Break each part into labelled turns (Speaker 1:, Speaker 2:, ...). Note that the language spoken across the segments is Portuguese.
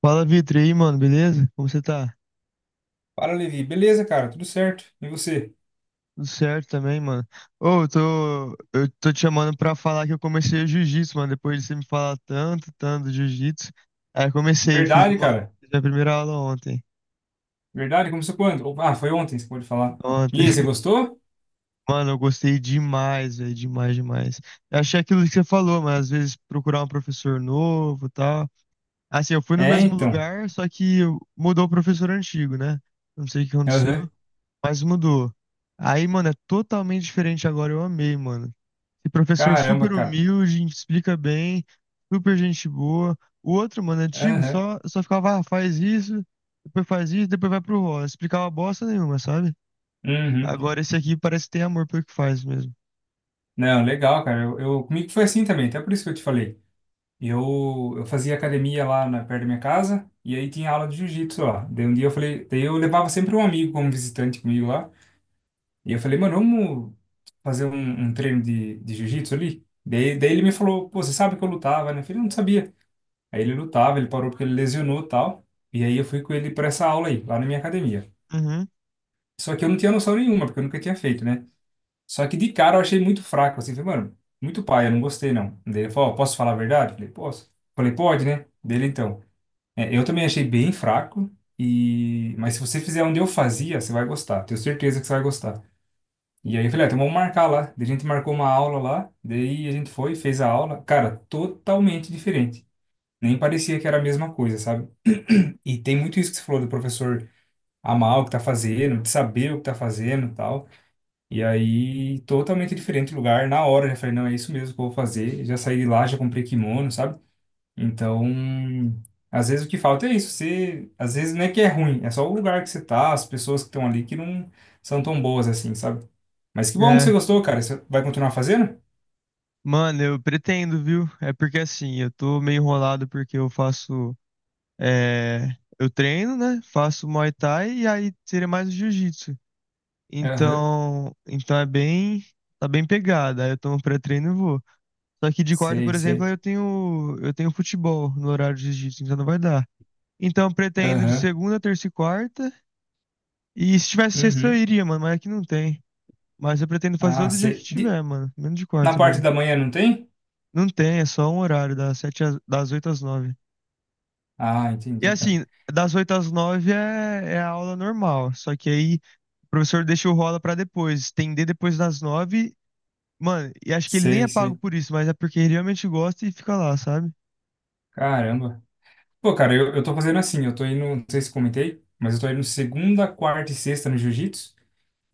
Speaker 1: Fala, Vitor, e aí, mano, beleza? Como você tá?
Speaker 2: Fala, Levi. Beleza, cara? Tudo certo. E você?
Speaker 1: Tudo certo também, mano. Ô, eu tô te chamando pra falar que eu comecei o jiu-jitsu, mano. Depois de você me falar tanto, tanto do jiu-jitsu. Aí eu comecei, fiz
Speaker 2: Verdade,
Speaker 1: uma,
Speaker 2: cara.
Speaker 1: Fiz minha primeira aula ontem.
Speaker 2: Verdade? Começou quando? Opa, ah, foi ontem, você pode falar. E
Speaker 1: Ontem.
Speaker 2: aí, você gostou?
Speaker 1: Mano, eu gostei demais, velho, demais, demais. Eu achei aquilo que você falou, mas às vezes procurar um professor novo e tal. Assim, eu fui no
Speaker 2: É,
Speaker 1: mesmo
Speaker 2: então.
Speaker 1: lugar, só que mudou o professor antigo, né? Não sei o que
Speaker 2: Aham.
Speaker 1: aconteceu. Mas mudou. Aí, mano, é totalmente diferente agora. Eu amei, mano. E professor
Speaker 2: Caramba,
Speaker 1: super
Speaker 2: cara.
Speaker 1: humilde, explica bem, super gente boa. O outro, mano, antigo,
Speaker 2: Aham.
Speaker 1: só ficava, ah, faz isso, depois vai pro rolo. Explicava bosta nenhuma, sabe?
Speaker 2: Uhum.
Speaker 1: Agora esse aqui parece que tem amor pelo que faz mesmo.
Speaker 2: Não, legal, cara. Comigo foi assim também, até por isso que eu te falei. Eu fazia academia lá perto da minha casa, e aí tinha aula de jiu-jitsu lá. Daí um dia eu falei, daí eu levava sempre um amigo como visitante comigo lá. E eu falei, mano, vamos fazer um treino de jiu-jitsu ali? Daí ele me falou, pô, você sabe que eu lutava, né? Eu falei, não sabia. Aí ele lutava, ele parou porque ele lesionou e tal. E aí eu fui com ele para essa aula aí, lá na minha academia.
Speaker 1: Uhum.
Speaker 2: Só que eu não tinha noção nenhuma, porque eu nunca tinha feito, né? Só que de cara eu achei muito fraco, assim, falei, mano, muito pai, eu não gostei não. Daí ele falou, ó, posso falar a verdade? Falei, posso. Falei, pode, né? Dele então. É, eu também achei bem fraco, mas se você fizer onde eu fazia, você vai gostar, tenho certeza que você vai gostar. E aí eu falei, ah, então vamos marcar lá. Daí a gente marcou uma aula lá, daí a gente foi, fez a aula. Cara, totalmente diferente. Nem parecia que era a mesma coisa, sabe? E tem muito isso que você falou do professor amar o que tá fazendo, de saber o que tá fazendo e tal. E aí, totalmente diferente o lugar. Na hora, eu já falei, não, é isso mesmo que eu vou fazer. Já saí de lá, já comprei kimono, sabe? Então, às vezes o que falta é isso. Você, às vezes não é que é ruim, é só o lugar que você tá, as pessoas que estão ali que não são tão boas assim, sabe? Mas que bom que você
Speaker 1: É.
Speaker 2: gostou, cara. Você vai continuar fazendo?
Speaker 1: Mano, eu pretendo, viu? É porque assim, eu tô meio enrolado porque eu faço. Eu treino, né? Faço Muay Thai e aí seria mais o jiu-jitsu.
Speaker 2: Aham,
Speaker 1: Então é bem, tá bem pegada. Aí eu tomo pré-treino e vou. Só que de quarta,
Speaker 2: sei,
Speaker 1: por exemplo,
Speaker 2: sei.
Speaker 1: eu tenho futebol no horário de jiu-jitsu, então não vai dar. Então, pretendo de
Speaker 2: Aham,
Speaker 1: segunda, terça e quarta. E se tivesse sexta, eu
Speaker 2: uhum.
Speaker 1: iria, mano, mas aqui não tem. Mas eu pretendo fazer
Speaker 2: Ah,
Speaker 1: todo dia que
Speaker 2: sei.
Speaker 1: tiver, mano, menos de
Speaker 2: Na
Speaker 1: quarta
Speaker 2: parte
Speaker 1: mesmo.
Speaker 2: da manhã não tem?
Speaker 1: Não tem, é só um horário, das 8 às 9.
Speaker 2: Ah,
Speaker 1: E
Speaker 2: entendi, cara.
Speaker 1: assim, das 8 às 9 é a aula normal, só que aí o professor deixa o rola pra depois, estender depois das 9. Mano, e acho que ele nem
Speaker 2: Sei,
Speaker 1: é pago
Speaker 2: sei.
Speaker 1: por isso, mas é porque ele realmente gosta e fica lá, sabe?
Speaker 2: Caramba. Pô, cara, eu tô fazendo assim, eu tô indo, não sei se comentei, mas eu tô indo segunda, quarta e sexta no jiu-jitsu,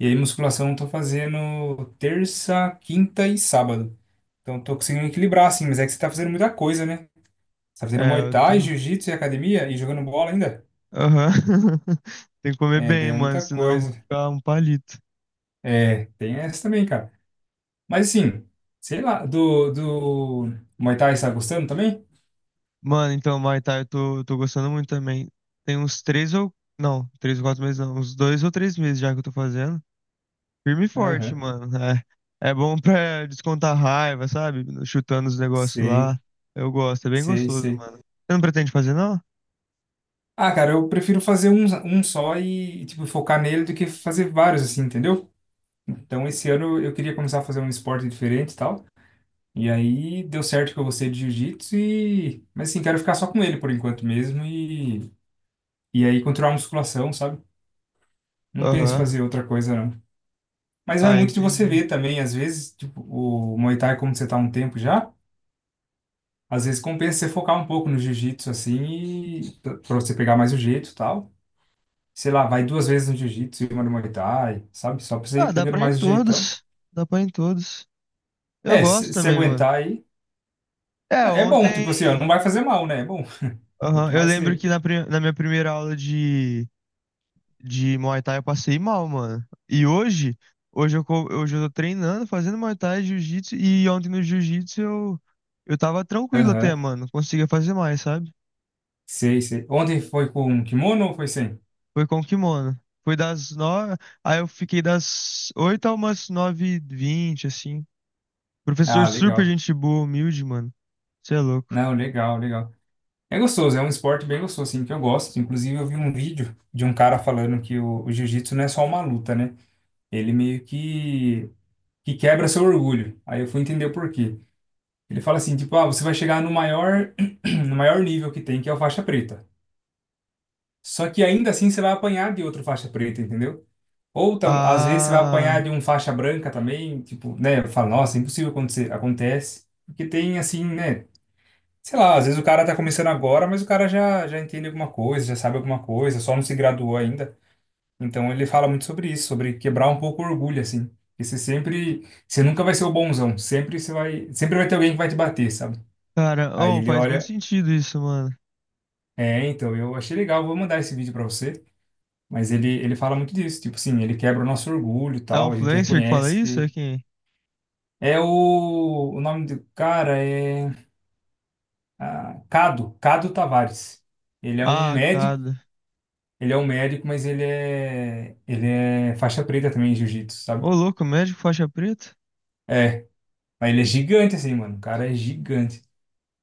Speaker 2: e aí musculação eu tô fazendo terça, quinta e sábado. Então eu tô conseguindo equilibrar, assim, mas é que você tá fazendo muita coisa, né? Você tá fazendo Muay
Speaker 1: É, eu
Speaker 2: Thai,
Speaker 1: tô.
Speaker 2: jiu-jitsu e academia e jogando bola ainda?
Speaker 1: Aham. Tem que comer
Speaker 2: É, daí
Speaker 1: bem,
Speaker 2: é
Speaker 1: mano,
Speaker 2: muita
Speaker 1: senão eu vou
Speaker 2: coisa.
Speaker 1: ficar um palito.
Speaker 2: É, tem essa também, cara. Mas assim, sei lá, do Muay Thai você tá gostando também?
Speaker 1: Mano, então, Muay Thai, eu tô gostando muito também. Tem uns três ou. Não, três ou quatro meses não. Uns dois ou três meses já que eu tô fazendo. Firme e forte,
Speaker 2: Aham,
Speaker 1: mano. É, é bom pra descontar raiva, sabe? Chutando os negócios
Speaker 2: sei,
Speaker 1: lá. Eu gosto, é bem
Speaker 2: sei,
Speaker 1: gostoso,
Speaker 2: sei.
Speaker 1: mano. Você não pretende fazer, não?
Speaker 2: Ah, cara, eu prefiro fazer um só e, tipo, focar nele do que fazer vários, assim, entendeu? Então, esse ano eu queria começar a fazer um esporte diferente e tal. E aí, deu certo que eu gostei de jiu-jitsu Mas, assim, quero ficar só com ele por enquanto mesmo E aí, continuar a musculação, sabe? Não penso em
Speaker 1: Aham.
Speaker 2: fazer outra coisa, não. Mas vai
Speaker 1: Ah,
Speaker 2: muito de você
Speaker 1: entendi.
Speaker 2: ver também. Às vezes, tipo, o Muay Thai, como você tá há um tempo já, às vezes compensa você focar um pouco no jiu-jitsu, assim, pra você pegar mais o jeito e tal. Sei lá, vai duas vezes no jiu-jitsu e uma no Muay Thai, sabe? Só pra você
Speaker 1: Ah,
Speaker 2: ir
Speaker 1: dá
Speaker 2: pegando
Speaker 1: pra ir em
Speaker 2: mais o jeitão.
Speaker 1: todos. Dá pra ir em todos. Eu
Speaker 2: É,
Speaker 1: gosto
Speaker 2: se
Speaker 1: também, mano.
Speaker 2: aguentar aí,
Speaker 1: É,
Speaker 2: é bom, tipo assim, ó, não
Speaker 1: ontem.
Speaker 2: vai fazer mal, né? É bom.
Speaker 1: Aham,
Speaker 2: Quanto
Speaker 1: eu
Speaker 2: mais
Speaker 1: lembro
Speaker 2: você.
Speaker 1: que na minha primeira aula de Muay Thai eu passei mal, mano. E hoje, hoje eu tô treinando, fazendo Muay Thai, Jiu-Jitsu. E ontem no Jiu-Jitsu eu tava tranquilo até,
Speaker 2: Aham,
Speaker 1: mano. Conseguia fazer mais, sabe?
Speaker 2: sei, sei. Ontem foi com um kimono ou foi sem?
Speaker 1: Foi com kimono. Foi das nove. Aí eu fiquei das oito a umas nove e vinte, assim. Professor
Speaker 2: Ah,
Speaker 1: super
Speaker 2: legal.
Speaker 1: gente boa, humilde, mano. Você é louco.
Speaker 2: Não, legal, legal. É gostoso, é um esporte bem gostoso, assim, que eu gosto. Inclusive, eu vi um vídeo de um cara falando que o jiu-jitsu não é só uma luta, né? Ele meio que quebra seu orgulho. Aí eu fui entender o porquê. Ele fala assim, tipo, ah, você vai chegar no maior, no maior nível que tem, que é o faixa preta. Só que ainda assim você vai apanhar de outro faixa preta, entendeu? Às vezes você vai apanhar
Speaker 1: Ah,
Speaker 2: de um faixa branca também, tipo, né? Fala, nossa, impossível acontecer. Acontece. Porque tem assim, né? Sei lá, às vezes o cara tá começando agora, mas o cara já entende alguma coisa, já sabe alguma coisa, só não se graduou ainda. Então ele fala muito sobre isso, sobre quebrar um pouco o orgulho, assim. Porque você nunca vai ser o bonzão, sempre vai ter alguém que vai te bater, sabe?
Speaker 1: cara,
Speaker 2: Aí
Speaker 1: oh,
Speaker 2: ele
Speaker 1: faz muito
Speaker 2: olha.
Speaker 1: sentido isso, mano.
Speaker 2: É, então, eu achei legal, vou mandar esse vídeo pra você, mas ele fala muito disso, tipo assim, ele quebra o nosso orgulho e
Speaker 1: É um
Speaker 2: tal, a gente
Speaker 1: influencer que fala
Speaker 2: reconhece
Speaker 1: isso?
Speaker 2: que...
Speaker 1: É quem?
Speaker 2: É o nome do cara é Cado, Tavares. Ele é um
Speaker 1: Ah,
Speaker 2: médico,
Speaker 1: cada.
Speaker 2: mas ele é faixa preta também em jiu-jitsu,
Speaker 1: Ô,
Speaker 2: sabe?
Speaker 1: louco, médico faixa preta?
Speaker 2: É, mas ele é gigante assim, mano, o cara é gigante.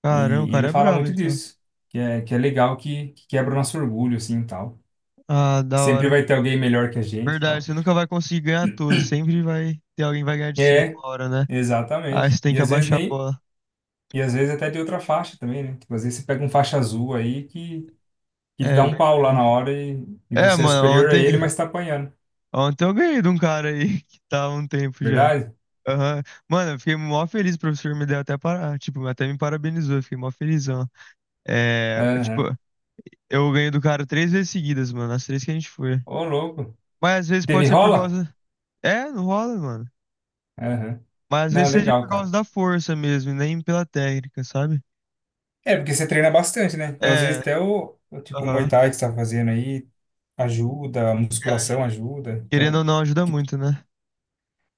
Speaker 1: Caramba, o
Speaker 2: E,
Speaker 1: cara
Speaker 2: ele
Speaker 1: é
Speaker 2: fala
Speaker 1: brabo,
Speaker 2: muito
Speaker 1: então.
Speaker 2: disso, que é legal que quebra o nosso orgulho assim e tal.
Speaker 1: Ah, da
Speaker 2: Sempre vai
Speaker 1: hora.
Speaker 2: ter alguém melhor que a gente e
Speaker 1: Verdade,
Speaker 2: tal.
Speaker 1: você nunca vai conseguir ganhar tudo. Sempre vai ter alguém que vai ganhar de você
Speaker 2: É,
Speaker 1: uma hora, né? Aí você
Speaker 2: exatamente.
Speaker 1: tem
Speaker 2: E
Speaker 1: que
Speaker 2: às vezes
Speaker 1: abaixar a
Speaker 2: nem.
Speaker 1: bola.
Speaker 2: E às vezes até de outra faixa também, né? Tipo, às vezes você pega um faixa azul aí que te dá
Speaker 1: É
Speaker 2: um pau lá na
Speaker 1: verdade.
Speaker 2: hora e
Speaker 1: É,
Speaker 2: você é
Speaker 1: mano,
Speaker 2: superior a ele, mas tá apanhando.
Speaker 1: ontem eu ganhei de um cara aí que tava há um tempo já.
Speaker 2: Verdade?
Speaker 1: Aham. Mano, eu fiquei mó feliz, o professor me deu até para, tipo, até me parabenizou, eu fiquei mó felizão. É, tipo,
Speaker 2: Aham.
Speaker 1: Eu ganhei do cara três vezes seguidas, mano. As três que a gente foi.
Speaker 2: Ô, louco.
Speaker 1: Mas às vezes
Speaker 2: Teve
Speaker 1: pode ser por
Speaker 2: rola?
Speaker 1: causa. É, não rola, mano.
Speaker 2: Aham.
Speaker 1: Mas às
Speaker 2: Não,
Speaker 1: vezes seja
Speaker 2: legal,
Speaker 1: por causa
Speaker 2: cara.
Speaker 1: da força mesmo, e nem pela técnica, sabe?
Speaker 2: É, porque você treina bastante, né? Então, às vezes
Speaker 1: É,
Speaker 2: até o tipo, o Muay
Speaker 1: aham.
Speaker 2: Thai que você tá fazendo aí ajuda, a
Speaker 1: É, aj-
Speaker 2: musculação ajuda.
Speaker 1: Querendo ou
Speaker 2: Então,
Speaker 1: não, ajuda
Speaker 2: tipo,
Speaker 1: muito, né?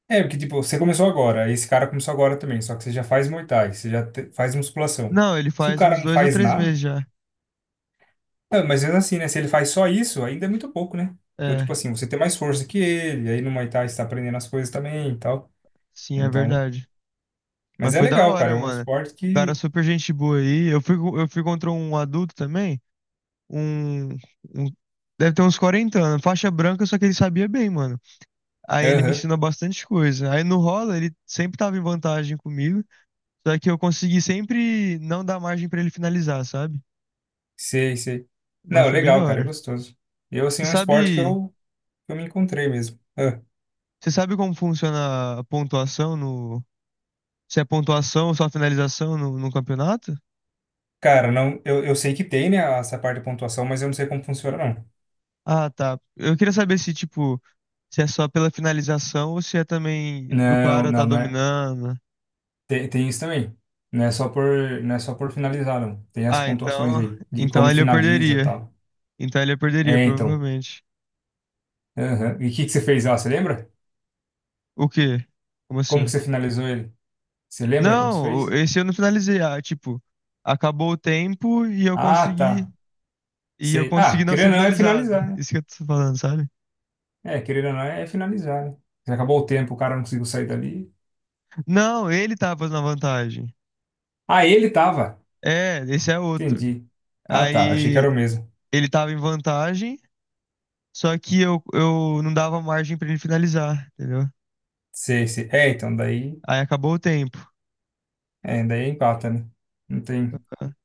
Speaker 2: é, porque, tipo, você começou agora, aí esse cara começou agora também, só que você já faz Muay Thai, você já faz musculação.
Speaker 1: Não, ele
Speaker 2: Se o
Speaker 1: faz
Speaker 2: cara
Speaker 1: uns
Speaker 2: não
Speaker 1: dois ou
Speaker 2: faz
Speaker 1: três
Speaker 2: nada.
Speaker 1: meses já.
Speaker 2: Ah, mas mesmo assim, né? Se ele faz só isso, ainda é muito pouco, né? Então,
Speaker 1: É,
Speaker 2: tipo assim, você tem mais força que ele, aí no Muay Thai você tá aprendendo as coisas também e tal.
Speaker 1: sim, é
Speaker 2: Então,
Speaker 1: verdade.
Speaker 2: mas
Speaker 1: Mas
Speaker 2: é
Speaker 1: foi da
Speaker 2: legal, cara.
Speaker 1: hora,
Speaker 2: É um
Speaker 1: mano.
Speaker 2: esporte
Speaker 1: O cara
Speaker 2: que.
Speaker 1: super gente boa aí. Eu fui contra um adulto também. Um, um- Deve ter uns 40 anos. Faixa branca, só que ele sabia bem, mano. Aí ele me
Speaker 2: Aham,
Speaker 1: ensinou bastante coisa. Aí no rola, ele sempre tava em vantagem comigo, só que eu consegui sempre não dar margem pra ele finalizar, sabe?
Speaker 2: sei, sei.
Speaker 1: Mas
Speaker 2: Não,
Speaker 1: foi bem da
Speaker 2: legal, cara, é
Speaker 1: hora.
Speaker 2: gostoso. Eu, assim,
Speaker 1: E
Speaker 2: é um esporte que
Speaker 1: sabe,
Speaker 2: eu, que eu me encontrei mesmo. Ah,
Speaker 1: você sabe como funciona a pontuação no, se é pontuação ou só finalização no campeonato?
Speaker 2: cara, não, eu sei que tem, né, essa parte de pontuação, mas eu não sei como funciona, não.
Speaker 1: Ah, tá. Eu queria saber se, tipo, se é só pela finalização ou se é também do
Speaker 2: Não,
Speaker 1: cara tá
Speaker 2: não, não é.
Speaker 1: dominando.
Speaker 2: Tem isso também. Não é só por, não é só por finalizar, não. Tem as
Speaker 1: Ah,
Speaker 2: pontuações
Speaker 1: então,
Speaker 2: aí, de
Speaker 1: então
Speaker 2: como
Speaker 1: ali eu
Speaker 2: finaliza e
Speaker 1: perderia.
Speaker 2: tal.
Speaker 1: Então ali eu perderia,
Speaker 2: É, então.
Speaker 1: provavelmente.
Speaker 2: Aham. E o que que você fez lá, você lembra?
Speaker 1: O quê? Como
Speaker 2: Como que
Speaker 1: assim?
Speaker 2: você finalizou ele? Você lembra como você fez?
Speaker 1: Esse eu não finalizei. Acabou o tempo e eu
Speaker 2: Ah,
Speaker 1: consegui.
Speaker 2: tá.
Speaker 1: E eu
Speaker 2: Sei. Ah,
Speaker 1: consegui não ser
Speaker 2: querendo ou não é
Speaker 1: finalizado.
Speaker 2: finalizar, né?
Speaker 1: Isso que eu tô falando, sabe?
Speaker 2: É, querendo ou não é finalizar, né? Já acabou o tempo, o cara não conseguiu sair dali.
Speaker 1: Não, ele tava na vantagem.
Speaker 2: Ah, ele tava.
Speaker 1: É, esse é outro.
Speaker 2: Entendi. Ah, tá. Achei que
Speaker 1: Aí
Speaker 2: era o mesmo.
Speaker 1: ele tava em vantagem, só que eu não dava margem pra ele finalizar, entendeu?
Speaker 2: Sei, sei. É, então
Speaker 1: Aí acabou o tempo,
Speaker 2: daí é empata, né? Não tem.
Speaker 1: cara.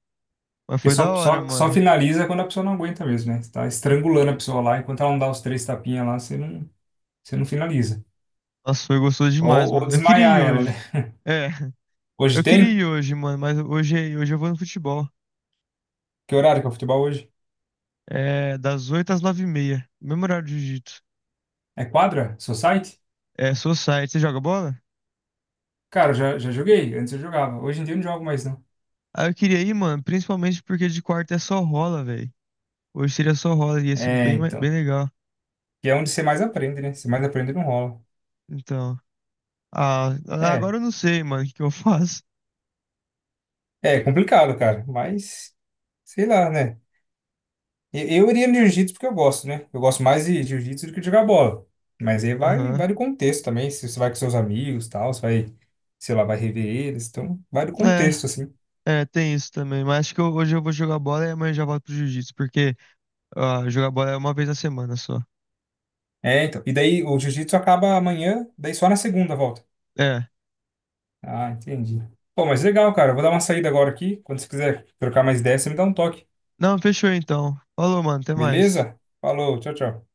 Speaker 1: Mas
Speaker 2: Porque
Speaker 1: foi da
Speaker 2: só,
Speaker 1: hora,
Speaker 2: só, só
Speaker 1: mano.
Speaker 2: finaliza quando a pessoa não aguenta mesmo, né? Você tá estrangulando a pessoa lá, enquanto ela não dá os três tapinhas lá, você não finaliza.
Speaker 1: Nossa, foi gostoso demais,
Speaker 2: Ou
Speaker 1: mano. Eu queria ir
Speaker 2: desmaiar ela, né?
Speaker 1: hoje. É,
Speaker 2: Hoje
Speaker 1: eu queria
Speaker 2: tem?
Speaker 1: ir hoje, mano, mas hoje eu vou no futebol.
Speaker 2: Que horário que é o futebol hoje?
Speaker 1: É, das 8 às nove h 30 Mesmo horário de jiu-jitsu.
Speaker 2: É quadra? Society?
Speaker 1: É, Society. Você joga bola?
Speaker 2: Cara, eu já joguei. Antes eu jogava. Hoje em dia eu não jogo mais, não.
Speaker 1: Ah, eu queria ir, mano. Principalmente porque de quarta é só rola, velho. Hoje seria só rola. E ia ser
Speaker 2: É,
Speaker 1: bem
Speaker 2: então.
Speaker 1: legal.
Speaker 2: Que é onde você mais aprende, né? Você mais aprende não rola.
Speaker 1: Então. Ah,
Speaker 2: É.
Speaker 1: agora eu não sei, mano, o que que eu faço.
Speaker 2: É complicado, cara. Mas, sei lá, né? Eu iria no jiu-jitsu porque eu gosto, né? Eu gosto mais de jiu-jitsu do que de jogar bola. Mas aí vai,
Speaker 1: Aham.
Speaker 2: vai do contexto também. Se você vai com seus amigos e tal, você vai, sei lá, vai rever eles. Então, vai do
Speaker 1: É.
Speaker 2: contexto, assim.
Speaker 1: É, tem isso também. Mas acho que hoje eu vou jogar bola e amanhã eu já volto pro jiu-jitsu. Porque ah, jogar bola é uma vez na semana só.
Speaker 2: É, então. E daí o jiu-jitsu acaba amanhã, daí só na segunda volta.
Speaker 1: É.
Speaker 2: Ah, entendi. Pô, mas legal, cara. Eu vou dar uma saída agora aqui. Quando você quiser trocar mais ideias, você me dá um toque.
Speaker 1: Não, fechou então. Falou, mano. Até mais.
Speaker 2: Beleza? Falou, tchau, tchau.